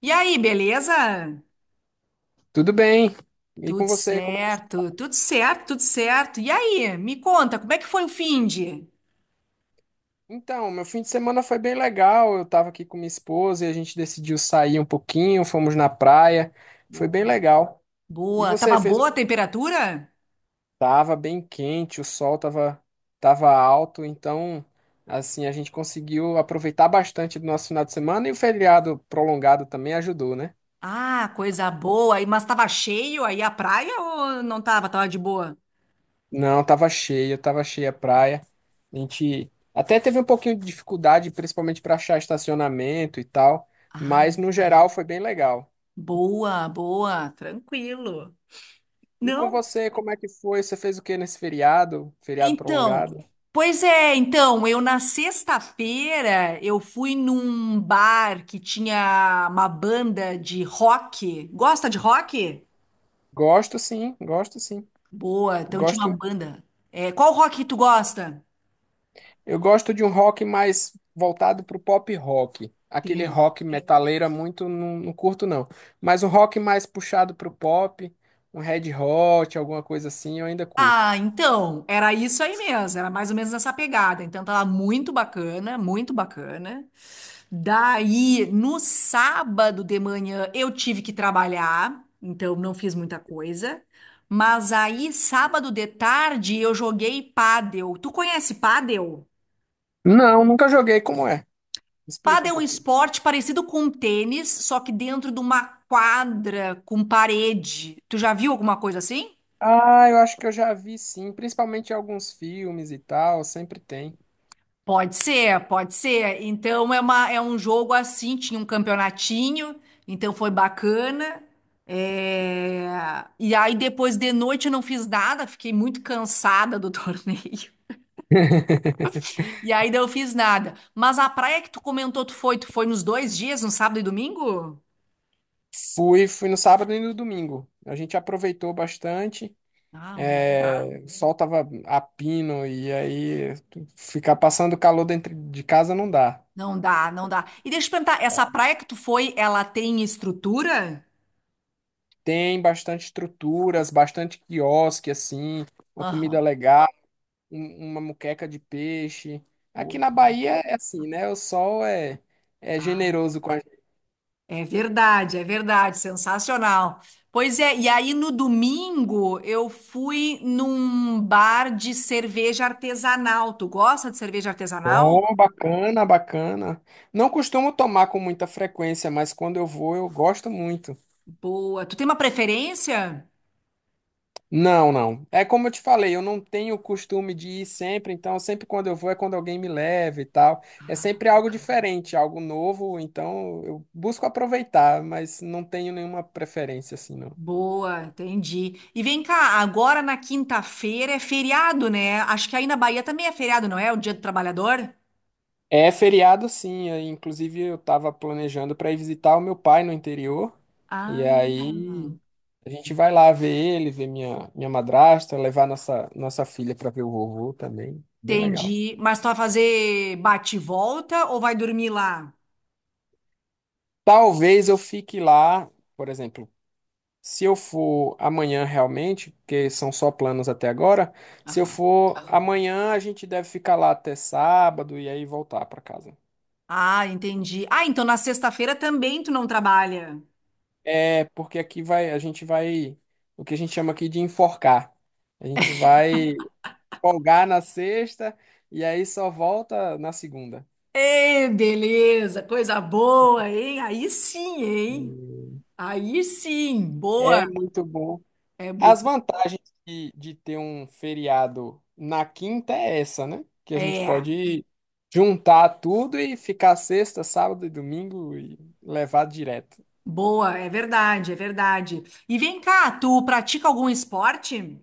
E aí, beleza? Tudo bem? E com Tudo você, como é que... certo, tudo certo, tudo certo. E aí, me conta, como é que foi o finde? Então, meu fim de semana foi bem legal. Eu tava aqui com minha esposa e a gente decidiu sair um pouquinho, fomos na praia. Foi bem Boa. legal. E Boa. você Tava fez? Boa a temperatura? Tava bem quente, o sol tava tava alto, então assim, a gente conseguiu aproveitar bastante do nosso final de semana e o feriado prolongado também ajudou, né? Ah, coisa boa. Mas tava cheio aí a praia ou não tava? Tava de boa? Não, tava cheia a praia. A gente até teve um pouquinho de dificuldade, principalmente para achar estacionamento e tal, Ah, mas no geral foi bem legal. boa, boa. Tranquilo. E com Não? você, como é que foi? Você fez o que nesse feriado? Feriado Então, prolongado? pois é, então, eu na sexta-feira eu fui num bar que tinha uma banda de rock. Gosta de rock? Gosto, sim, gosto, sim. Boa, então tinha uma Gosto, banda. É, qual rock que tu gosta? eu gosto de um rock mais voltado pro pop rock. Aquele Entendi. rock metaleira muito não, não curto não, mas um rock mais puxado pro pop, um Red Hot, alguma coisa assim, eu ainda curto. Ah, então, era isso aí mesmo, era mais ou menos essa pegada. Então tava muito bacana, muito bacana. Daí, no sábado de manhã, eu tive que trabalhar, então não fiz muita coisa. Mas aí, sábado de tarde, eu joguei pádel. Tu conhece pádel? Não, nunca joguei, como é. Explica um Pádel é um pouquinho. esporte parecido com tênis, só que dentro de uma quadra com parede. Tu já viu alguma coisa assim? Ah, eu acho que eu já vi, sim, principalmente em alguns filmes e tal, sempre tem. Pode ser, pode ser. É um jogo assim, tinha um campeonatinho, então foi bacana. E aí depois de noite eu não fiz nada, fiquei muito cansada do torneio. E aí não fiz nada. Mas a praia que tu comentou, tu foi nos dois dias, no sábado e domingo? Fui, fui no sábado e no domingo. A gente aproveitou bastante. Ah, Ah, é, o sol tava a pino e aí ficar passando calor dentro de casa não dá. não dá, não dá. E deixa eu te perguntar, essa praia que tu foi, ela tem estrutura? Tem bastante estruturas, bastante quiosque assim, uma comida Aham. legal, uma moqueca de peixe. Aqui Oh, na Bahia é assim, né? O sol é, é ah. generoso com. É verdade, sensacional. Pois é, e aí no domingo eu fui num bar de cerveja artesanal. Tu gosta de cerveja artesanal? Oh, bacana, bacana. Não costumo tomar com muita frequência, mas quando eu vou, eu gosto muito. Boa. Tu tem uma preferência? Não, não. É como eu te falei, eu não tenho o costume de ir sempre, então sempre quando eu vou é quando alguém me leva e tal. É sempre algo diferente, algo novo, então eu busco aproveitar, mas não tenho nenhuma preferência assim, não. Boa, entendi. E vem cá, agora na quinta-feira é feriado, né? Acho que aí na Bahia também é feriado, não é? O Dia do Trabalhador? É feriado, sim. Aí, inclusive, eu estava planejando para ir visitar o meu pai no interior. E Ah, aí a gente vai lá ver ele, ver minha madrasta, levar nossa filha para ver o vovô também. Bem legal. entendi. Mas tu vai fazer bate e volta ou vai dormir lá? Talvez eu fique lá, por exemplo, se eu for amanhã realmente, porque são só planos até agora. Se eu Aham. for amanhã, a gente deve ficar lá até sábado e aí voltar para casa. Ah, entendi. Ah, então na sexta-feira também tu não trabalha. É, porque aqui vai, a gente vai, o que a gente chama aqui de enforcar. A gente vai folgar na sexta e aí só volta na segunda. Ê, beleza, coisa boa, hein? Aí sim, hein? Aí sim, É boa. muito bom. É As muito. vantagens de ter um feriado na quinta é essa, né? Que a gente É, pode juntar tudo e ficar sexta, sábado e domingo e levar direto. boa, é verdade, é verdade. E vem cá, tu pratica algum esporte?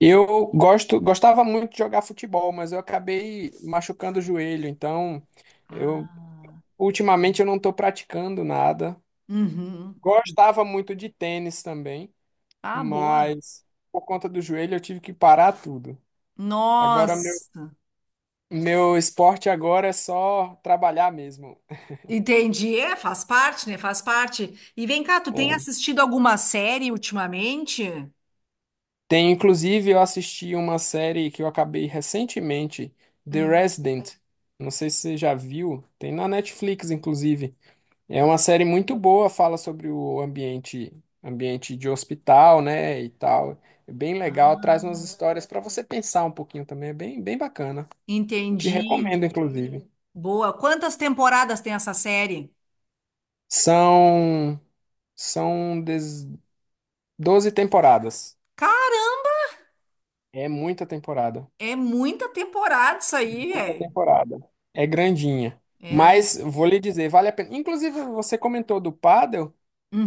Eu gosto, gostava muito de jogar futebol, mas eu acabei machucando o joelho, então eu Ah, ultimamente eu não estou praticando nada. uhum. Gostava muito de tênis também, Ah, boa. mas por conta do joelho eu tive que parar tudo. Agora meu, Nossa, meu esporte agora é só trabalhar mesmo. entendi. É, faz parte, né? Faz parte. E vem cá, tu tem É. assistido alguma série ultimamente? Tem, inclusive eu assisti uma série que eu acabei recentemente, The Hum. Resident. Não sei se você já viu, tem na Netflix inclusive. É uma série muito boa, fala sobre o ambiente, ambiente de hospital, né, e tal. É bem legal, traz umas histórias para você pensar um pouquinho também, é bem, bem bacana. Te Entendi. recomendo, inclusive. Boa. Quantas temporadas tem essa série? São, são 12 temporadas. Caramba, É muita temporada, é muita temporada isso aí, muita velho. temporada. É grandinha. É. Mas vou lhe dizer, vale a pena. Inclusive, você comentou do pádel.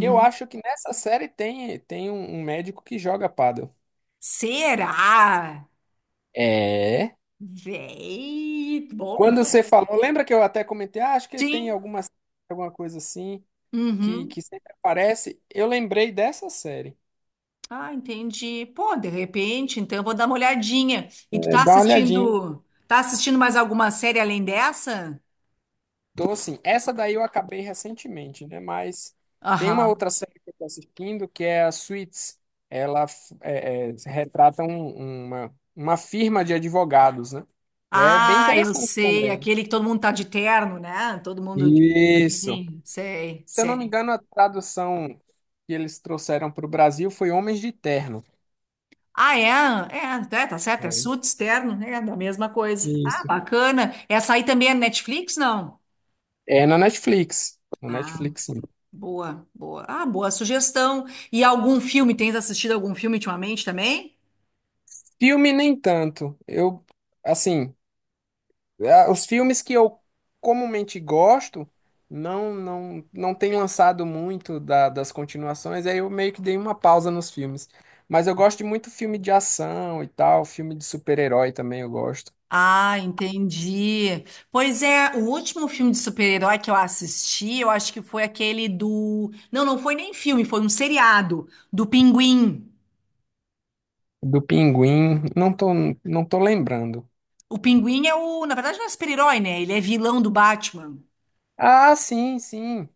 Eu acho que nessa série tem, tem um médico que joga pádel. Será? É. Véi. Bom. Quando você falou, lembra que eu até comentei, ah, acho que tem Sim. alguma, alguma coisa assim que, Uhum. que sempre aparece. Eu lembrei dessa série. Ah, entendi. Pô, de repente, então eu vou dar uma olhadinha. E É, dá uma olhadinha. Tá assistindo mais alguma série além dessa? Então, assim, essa daí eu acabei recentemente, né? Mas tem uma Aham. outra série que eu tô assistindo que é a Suits. É, é, retrata uma firma de advogados, né? E é bem Ah, eu interessante sei, também. aquele que todo mundo tá de terno, né? Todo mundo de... Isso. Sim, sei, Se eu não me sei. engano, a tradução que eles trouxeram para o Brasil foi Homens de Terno. Ah, é? É, é, tá certo, é É. suíte externo, é da mesma coisa. Ah, Isso. bacana. Essa aí também é Netflix, não? É na Netflix. Na Ah, Netflix, sim. boa, boa. Ah, boa sugestão. E algum filme, tens assistido algum filme ultimamente também? Filme nem tanto. Eu, assim, os filmes que eu comumente gosto não tem lançado muito das continuações, aí eu meio que dei uma pausa nos filmes. Mas eu gosto de muito filme de ação e tal, filme de super-herói também eu gosto. Ah, entendi. Pois é, o último filme de super-herói que eu assisti, eu acho que foi aquele do. Não, não foi nem filme, foi um seriado do Pinguim. Do Pinguim, não tô, não tô lembrando. O Pinguim é o. Na verdade, não é super-herói, né? Ele é vilão do Batman. Ah, sim, sim.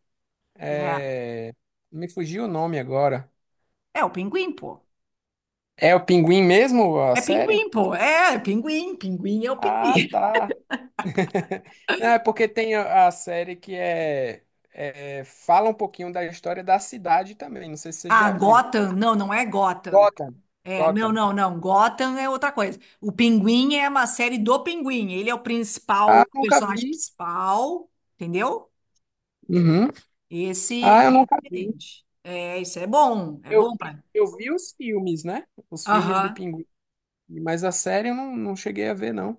Né? É, me fugiu o nome agora. É, o Pinguim, pô. É o Pinguim mesmo, a É série? pinguim, pô. É, é pinguim. Pinguim é o pinguim. Ah, tá. Não, é porque tem a série que é, fala um pouquinho da história da cidade também. Não sei se você Ah, já viu. Gotham. Não, não é Gotham. Gotham. É, não, Gotham. não, não. Gotham é outra coisa. O Pinguim é uma série do Pinguim. Ele é o principal, Ah, o eu nunca personagem vi. principal, entendeu? Uhum. Ah, Esse eu nunca é vi. diferente. É, isso é bom. É Eu bom vi, pra. eu vi os filmes, né? Os filmes do Aham. Pinguim. Mas a série eu não, não cheguei a ver, não.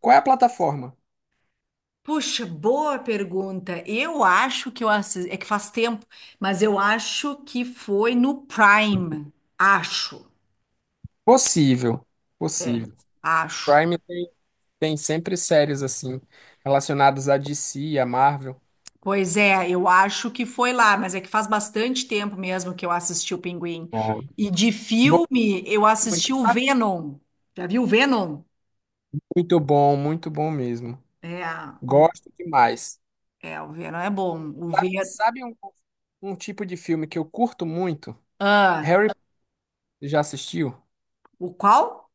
Qual é a plataforma? Puxa, boa pergunta. Eu acho que eu assisti. É que faz tempo, mas eu acho que foi no Prime. Acho. Possível. É. Possível. Acho. Prime tem, tem sempre séries assim, relacionadas à DC, à Marvel. Pois é, eu acho que foi lá, mas é que faz bastante tempo mesmo que eu assisti o Pinguim. Ah. E de Bom, filme, eu muito, assisti o Venom. Já viu o Venom? Muito bom mesmo. É, o- Gosto demais. é, o Venom é bom. O Ve... Sabe, sabe um, um tipo de filme que eu curto muito? Ah, Harry, já assistiu? o qual?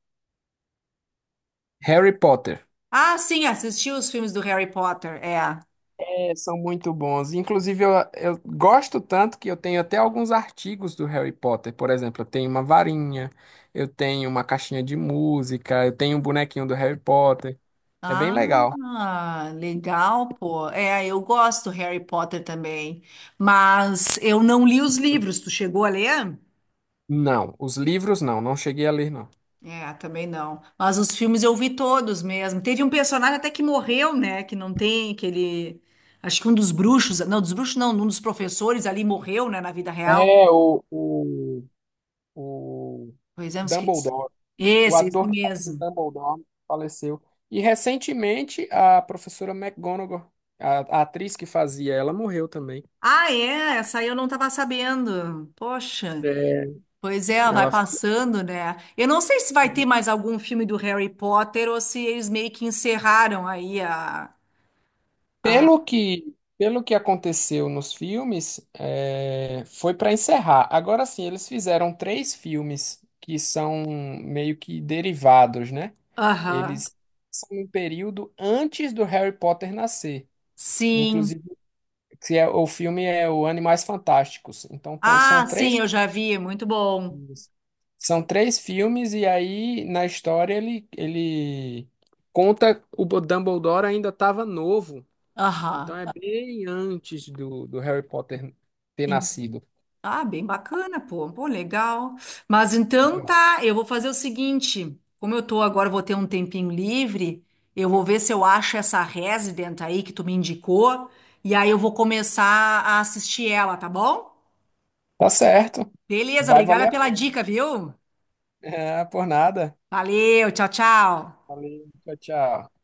Harry Potter. Ah, sim, assisti os filmes do Harry Potter, é. É, são muito bons. Inclusive, eu gosto tanto que eu tenho até alguns artigos do Harry Potter. Por exemplo, eu tenho uma varinha, eu tenho uma caixinha de música, eu tenho um bonequinho do Harry Potter. É bem legal. Ah, legal, pô. É, eu gosto do Harry Potter também, mas eu não li os livros. Tu chegou a ler? Não, os livros não, não cheguei a ler, não. É, também não. Mas os filmes eu vi todos mesmo. Teve um personagem até que morreu, né? Que não tem, que ele. Acho que um dos bruxos. Não, dos bruxos não, um dos professores ali morreu, né? Na vida real. É, o Pois é, eu esqueci. Dumbledore. O Esse ator que faz o mesmo. Dumbledore faleceu. E recentemente a professora McGonagall, a atriz que fazia, ela morreu também. Ah, é? Essa aí eu não tava sabendo. Poxa. É, Pois é, vai ela. passando, né? Eu não sei se vai ter mais algum filme do Harry Potter ou se eles meio que encerraram aí a. a... Pelo que aconteceu nos filmes, é, foi para encerrar. Agora sim, eles fizeram três filmes que são meio que derivados, né? Aham. Eles são um período antes do Harry Potter nascer. Sim. Inclusive, que é, o filme é o Animais Fantásticos. Então, são Ah, sim, 3. eu já vi. É muito bom. Isso. São 3 filmes, e aí na história ele, ele conta Dumbledore ainda estava novo. Então Aham. é bem antes do, do Harry Potter ter Em- nascido. Ah, bem bacana, pô. Pô, legal. Mas então Legal. tá, eu vou fazer o seguinte, como eu tô agora, vou ter um tempinho livre, eu vou ver se eu acho essa Resident aí que tu me indicou, e aí eu vou começar a assistir ela, tá bom? Tá certo. Beleza, Vai obrigada valer a pela pena. dica, viu? Ah, por nada. Valeu, tchau, tchau. Valeu, tchau, tchau.